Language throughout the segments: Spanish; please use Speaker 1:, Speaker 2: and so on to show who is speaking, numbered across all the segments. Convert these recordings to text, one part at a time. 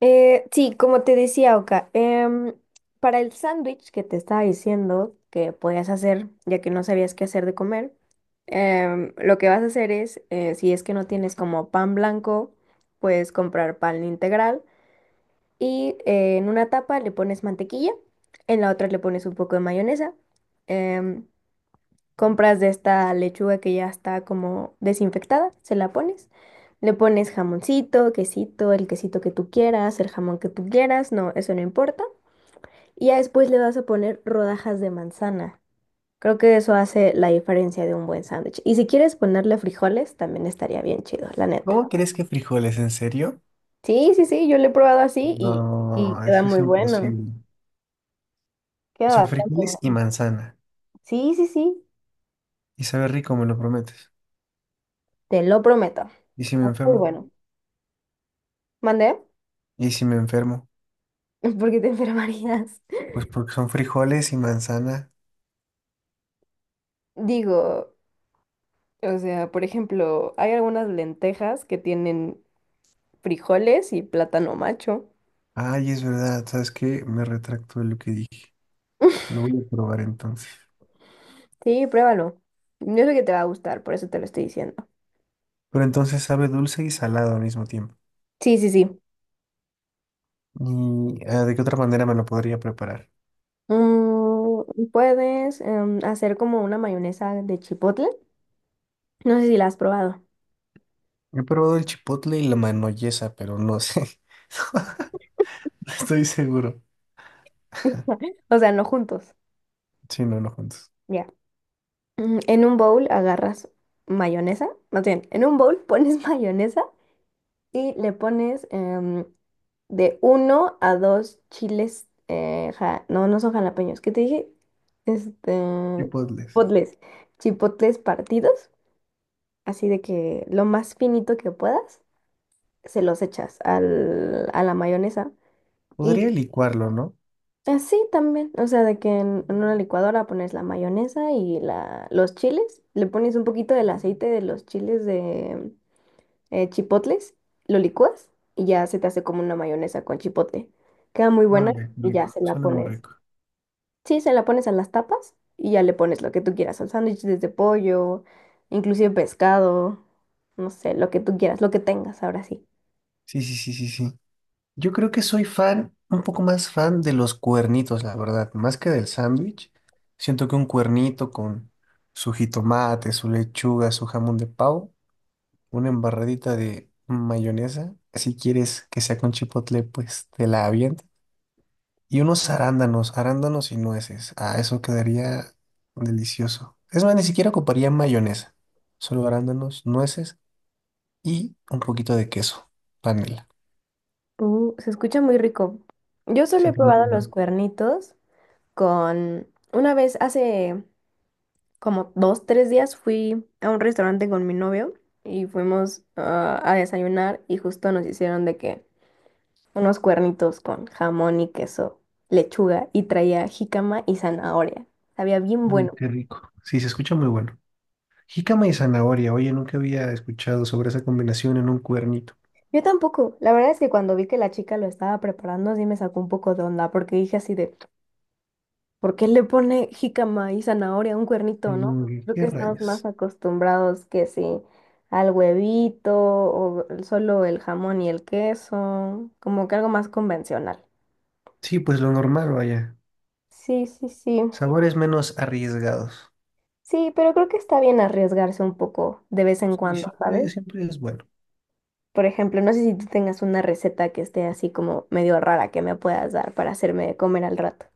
Speaker 1: Sí, como te decía, Oka, para el sándwich que te estaba diciendo que podías hacer, ya que no sabías qué hacer de comer, lo que vas a hacer es, si es que no tienes como pan blanco, puedes comprar pan integral y en una tapa le pones mantequilla, en la otra le pones un poco de mayonesa. em, Compras de esta lechuga que ya está como desinfectada, se la pones. Le pones jamoncito, quesito, el quesito que tú quieras, el jamón que tú quieras, no, eso no importa. Y ya después le vas a poner rodajas de manzana. Creo que eso hace la diferencia de un buen sándwich. Y si quieres ponerle frijoles, también estaría bien chido, la neta.
Speaker 2: ¿Cómo crees que frijoles? ¿En serio?
Speaker 1: Sí, sí, sí, yo lo he probado así y
Speaker 2: No,
Speaker 1: queda
Speaker 2: eso es
Speaker 1: muy bueno.
Speaker 2: imposible. O
Speaker 1: Queda
Speaker 2: sea,
Speaker 1: bastante
Speaker 2: frijoles y
Speaker 1: bueno.
Speaker 2: manzana.
Speaker 1: Sí, sí, sí,
Speaker 2: Y sabe rico, me lo prometes.
Speaker 1: te lo prometo.
Speaker 2: ¿Y si me
Speaker 1: Está muy
Speaker 2: enfermo?
Speaker 1: bueno. ¿Mandé?
Speaker 2: ¿Y si me enfermo?
Speaker 1: ¿Por qué te enfermarías?
Speaker 2: Pues porque son frijoles y manzana.
Speaker 1: Digo, o sea, por ejemplo, hay algunas lentejas que tienen frijoles y plátano macho.
Speaker 2: Ay, es verdad, ¿sabes qué? Me retracto de lo que dije. Lo voy a probar entonces.
Speaker 1: Sí, pruébalo. Yo sé que te va a gustar, por eso te lo estoy diciendo.
Speaker 2: Pero entonces sabe dulce y salado al mismo tiempo.
Speaker 1: Sí, sí, sí.
Speaker 2: ¿Y de qué otra manera me lo podría preparar?
Speaker 1: Mm, puedes hacer como una mayonesa de chipotle. No sé si la has probado.
Speaker 2: He probado el chipotle y la manoyesa, pero no sé. No estoy seguro.
Speaker 1: O sea, no juntos.
Speaker 2: Sí, no, no juntos.
Speaker 1: Ya. Mm, en un bowl agarras mayonesa. Más bien, en un bowl pones mayonesa y le pones de uno a dos chiles, no, no son jalapeños, ¿qué te dije? Este,
Speaker 2: Chipotles.
Speaker 1: chipotles, chipotles partidos, así de que lo más finito que puedas, se los echas al, a la mayonesa. Y
Speaker 2: Podría licuarlo, ¿no?
Speaker 1: así también, o sea, de que en una licuadora pones la mayonesa y los chiles, le pones un poquito del aceite de los chiles de chipotles, lo licúas y ya se te hace como una mayonesa con chipotle. Queda muy buena
Speaker 2: Vale,
Speaker 1: y ya
Speaker 2: rico,
Speaker 1: se la
Speaker 2: suena muy
Speaker 1: pones.
Speaker 2: rico.
Speaker 1: Sí, se la pones a las tapas y ya le pones lo que tú quieras, al sándwich desde pollo, inclusive pescado, no sé, lo que tú quieras, lo que tengas, ahora sí.
Speaker 2: Sí, sí, sí, sí, sí. Yo creo que soy fan, un poco más fan de los cuernitos, la verdad, más que del sándwich. Siento que un cuernito con su jitomate, su lechuga, su jamón de pavo, una embarradita de mayonesa, si quieres que sea con chipotle, pues te la avienta. Y unos arándanos, arándanos y nueces. Ah, eso quedaría delicioso. Es más, ni siquiera ocuparía mayonesa. Solo arándanos, nueces y un poquito de queso, panela.
Speaker 1: Se escucha muy rico. Yo solo
Speaker 2: Sí,
Speaker 1: he
Speaker 2: muy
Speaker 1: probado
Speaker 2: bueno.
Speaker 1: los cuernitos con... Una vez, hace como dos, tres días, fui a un restaurante con mi novio y fuimos a desayunar y justo nos hicieron de que unos cuernitos con jamón y queso, lechuga y traía jícama y zanahoria. Sabía bien
Speaker 2: Mm,
Speaker 1: bueno.
Speaker 2: qué rico. Sí, se escucha muy bueno. Jícama y zanahoria. Oye, nunca había escuchado sobre esa combinación en un cuernito.
Speaker 1: Yo tampoco. La verdad es que cuando vi que la chica lo estaba preparando, sí me sacó un poco de onda, porque dije así de, ¿por qué le pone jícama y zanahoria a un cuernito,
Speaker 2: Y
Speaker 1: no?
Speaker 2: como que,
Speaker 1: Creo
Speaker 2: ¿qué
Speaker 1: que estamos más
Speaker 2: rayos?
Speaker 1: acostumbrados que sí al huevito o solo el jamón y el queso, como que algo más convencional.
Speaker 2: Sí, pues lo normal, vaya.
Speaker 1: Sí, sí, sí.
Speaker 2: Sabores menos arriesgados.
Speaker 1: Sí, pero creo que está bien arriesgarse un poco de vez en
Speaker 2: Y
Speaker 1: cuando,
Speaker 2: siempre,
Speaker 1: ¿sabes?
Speaker 2: siempre es bueno.
Speaker 1: Por ejemplo, no sé si tú tengas una receta que esté así como medio rara que me puedas dar para hacerme comer al rato.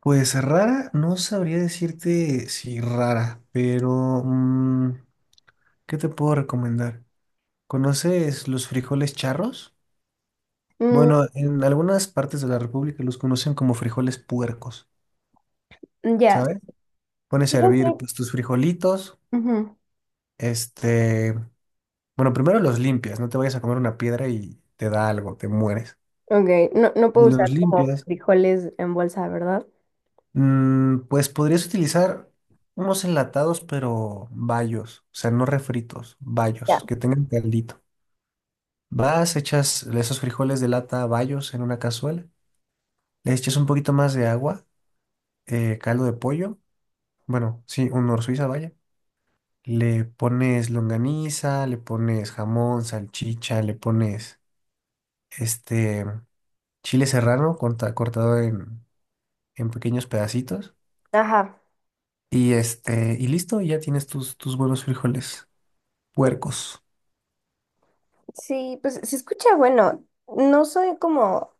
Speaker 2: Pues rara, no sabría decirte si rara, pero ¿qué te puedo recomendar? ¿Conoces los frijoles charros?
Speaker 1: Mm,
Speaker 2: Bueno, en algunas partes de la República los conocen como frijoles puercos,
Speaker 1: ya.
Speaker 2: ¿sabes? Pones
Speaker 1: Sí,
Speaker 2: a
Speaker 1: lo
Speaker 2: hervir
Speaker 1: sé.
Speaker 2: pues, tus frijolitos,
Speaker 1: Ujú.
Speaker 2: este, bueno, primero los limpias, no te vayas a comer una piedra y te da algo, te mueres.
Speaker 1: Ok, no, no
Speaker 2: Y
Speaker 1: puedo usar
Speaker 2: los
Speaker 1: como
Speaker 2: limpias,
Speaker 1: frijoles en bolsa, ¿verdad?
Speaker 2: pues podrías utilizar unos enlatados, pero bayos, o sea, no refritos,
Speaker 1: Ya.
Speaker 2: bayos, que tengan caldito. Vas, echas esos frijoles de lata bayos en una cazuela, le echas un poquito más de agua, caldo de pollo, bueno, sí, un nor Suiza, vaya. Le pones longaniza, le pones jamón, salchicha, le pones este chile serrano cortado en pequeños pedacitos.
Speaker 1: Ajá.
Speaker 2: Y y listo, y ya tienes tus buenos frijoles puercos.
Speaker 1: Sí, pues se escucha bueno. No soy como,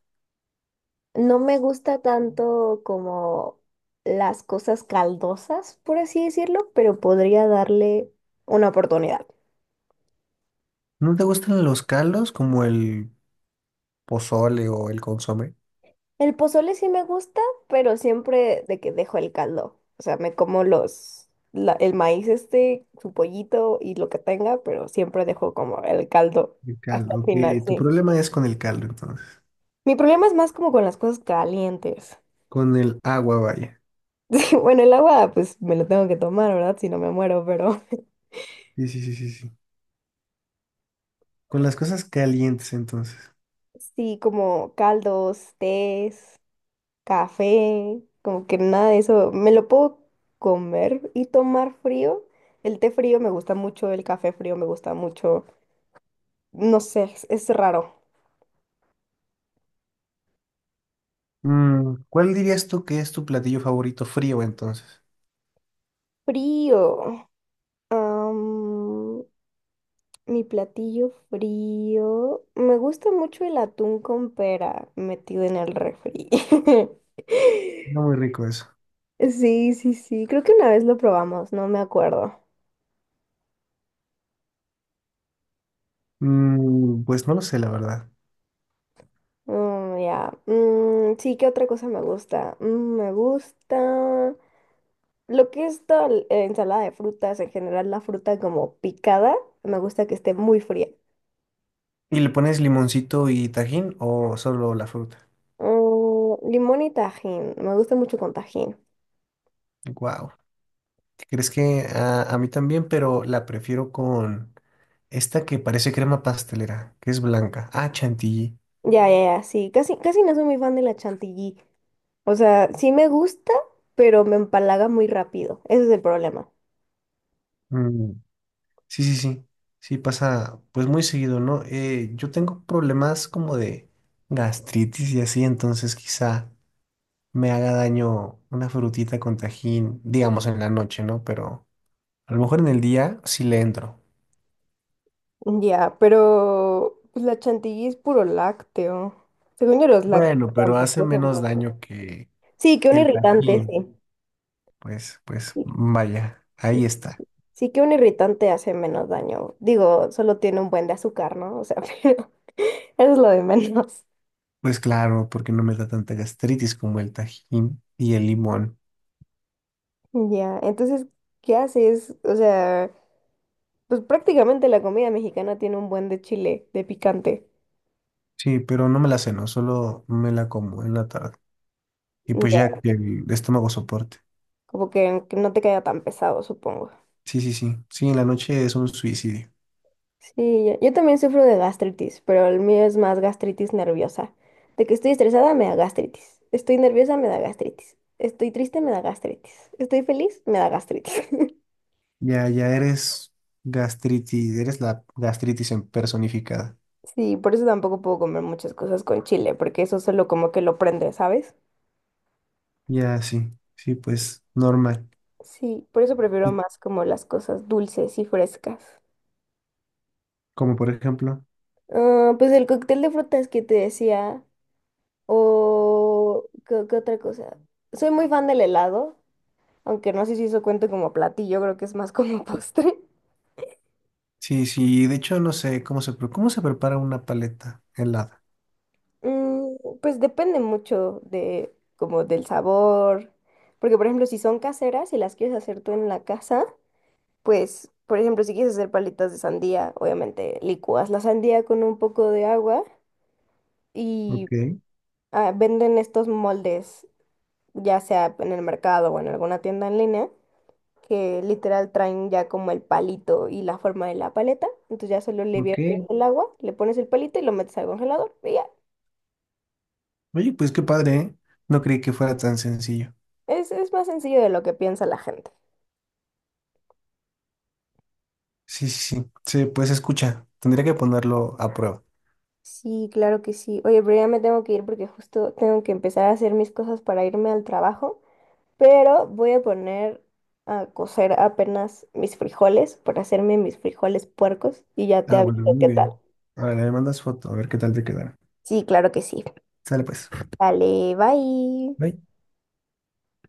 Speaker 1: no me gusta tanto como las cosas caldosas, por así decirlo, pero podría darle una oportunidad.
Speaker 2: ¿No te gustan los caldos como el pozole o el consomé?
Speaker 1: El pozole sí me gusta, pero siempre de que dejo el caldo. O sea, me como el maíz este, su pollito y lo que tenga, pero siempre dejo como el caldo
Speaker 2: El
Speaker 1: hasta
Speaker 2: caldo,
Speaker 1: el
Speaker 2: ok.
Speaker 1: final,
Speaker 2: Tu
Speaker 1: sí.
Speaker 2: problema es con el caldo, entonces.
Speaker 1: Mi problema es más como con las cosas calientes.
Speaker 2: Con el agua, vaya.
Speaker 1: Sí, bueno, el agua, pues me lo tengo que tomar, ¿verdad? Si no me muero, pero
Speaker 2: Sí, sí, sí, sí, sí. Con las cosas calientes, entonces.
Speaker 1: sí, como caldos, tés, café, como que nada de eso. Me lo puedo comer y tomar frío. El té frío me gusta mucho, el café frío me gusta mucho. No sé, es raro.
Speaker 2: Mm, ¿cuál dirías tú que es tu platillo favorito frío, entonces?
Speaker 1: Frío. Mi platillo frío. Me gusta mucho el atún con pera metido en el refri.
Speaker 2: No, muy rico eso.
Speaker 1: Sí, sí, sí. Creo que una vez lo probamos, no me acuerdo.
Speaker 2: Mm, pues no lo sé, la verdad.
Speaker 1: Mm, ya. Mm, sí, ¿qué otra cosa me gusta? Mm, me gusta lo que es toda la ensalada de frutas, en general la fruta como picada, me gusta que esté muy fría.
Speaker 2: ¿Y le pones limoncito y tajín o solo la fruta?
Speaker 1: Mm, limón y tajín, me gusta mucho con tajín.
Speaker 2: Wow. ¿Crees que a mí también, pero la prefiero con esta que parece crema pastelera, que es blanca? Ah, chantilly.
Speaker 1: Ya, ya, ya, sí. Casi, casi no soy muy fan de la chantilly. O sea, sí me gusta, pero me empalaga muy rápido. Ese es el problema.
Speaker 2: Mm, sí, sí, sí. Sí, pasa pues muy seguido, ¿no? Yo tengo problemas como de gastritis y así, entonces quizá me haga daño una frutita con tajín, digamos en la noche, ¿no? Pero a lo mejor en el día sí le entro.
Speaker 1: Ya, pero pues, la chantilly es puro lácteo. Según yo, los
Speaker 2: Bueno,
Speaker 1: lácteos
Speaker 2: pero hace
Speaker 1: tampoco son
Speaker 2: menos
Speaker 1: buenos.
Speaker 2: daño que
Speaker 1: Sí, que un
Speaker 2: el
Speaker 1: irritante,
Speaker 2: Tajín.
Speaker 1: sí.
Speaker 2: Pues, pues,
Speaker 1: Sí,
Speaker 2: vaya,
Speaker 1: sí,
Speaker 2: ahí está.
Speaker 1: sí que un irritante hace menos daño. Digo, solo tiene un buen de azúcar, ¿no? O sea, pero eso es lo de menos.
Speaker 2: Pues claro, porque no me da tanta gastritis como el Tajín y el limón.
Speaker 1: Ya, entonces, ¿qué haces? O sea, pues prácticamente la comida mexicana tiene un buen de chile, de picante.
Speaker 2: Sí, pero no me la ceno, solo me la como en la tarde. Y pues
Speaker 1: Ya,
Speaker 2: ya que el estómago soporte.
Speaker 1: como que no te caiga tan pesado, supongo.
Speaker 2: Sí, sí, sí. Sí, en la noche es un suicidio.
Speaker 1: Sí, yo también sufro de gastritis, pero el mío es más gastritis nerviosa. De que estoy estresada me da gastritis. Estoy nerviosa me da gastritis. Estoy triste me da gastritis. Estoy feliz me da gastritis.
Speaker 2: Ya, ya eres gastritis, eres la gastritis en personificada.
Speaker 1: Sí, por eso tampoco puedo comer muchas cosas con chile, porque eso solo como que lo prende, ¿sabes?
Speaker 2: Ya, sí, sí, pues normal.
Speaker 1: Sí, por eso prefiero
Speaker 2: Y
Speaker 1: más como las cosas dulces y frescas.
Speaker 2: como por ejemplo.
Speaker 1: Ah, pues el cóctel de frutas que te decía, o ¿qué, qué otra cosa? Soy muy fan del helado, aunque no sé si eso cuenta como platillo, creo que es más como postre.
Speaker 2: Sí, sí, de hecho no sé cómo cómo se prepara una paleta helada.
Speaker 1: Mm, pues depende mucho de como del sabor. Porque, por ejemplo, si son caseras y las quieres hacer tú en la casa, pues, por ejemplo, si quieres hacer palitas de sandía, obviamente licúas la sandía con un poco de agua y
Speaker 2: Ok,
Speaker 1: venden estos moldes, ya sea en el mercado o en alguna tienda en línea, que literal traen ya como el palito y la forma de la paleta. Entonces ya solo le viertes
Speaker 2: ok.
Speaker 1: el agua, le pones el palito y lo metes al congelador. Y ya,
Speaker 2: Oye, pues qué padre, ¿eh? No creí que fuera tan sencillo.
Speaker 1: es más sencillo de lo que piensa la gente.
Speaker 2: Sí, sí, sí. Sí, pues escucha, tendría que ponerlo a prueba.
Speaker 1: Sí, claro que sí. Oye, pero ya me tengo que ir porque justo tengo que empezar a hacer mis cosas para irme al trabajo. Pero voy a poner a cocer apenas mis frijoles para hacerme mis frijoles puercos y ya te
Speaker 2: Ah, bueno,
Speaker 1: aviso qué
Speaker 2: muy
Speaker 1: tal.
Speaker 2: bien. Ahora le mandas foto, a ver qué tal te quedará.
Speaker 1: Sí, claro que sí.
Speaker 2: Sale pues.
Speaker 1: Vale, bye.
Speaker 2: Bye.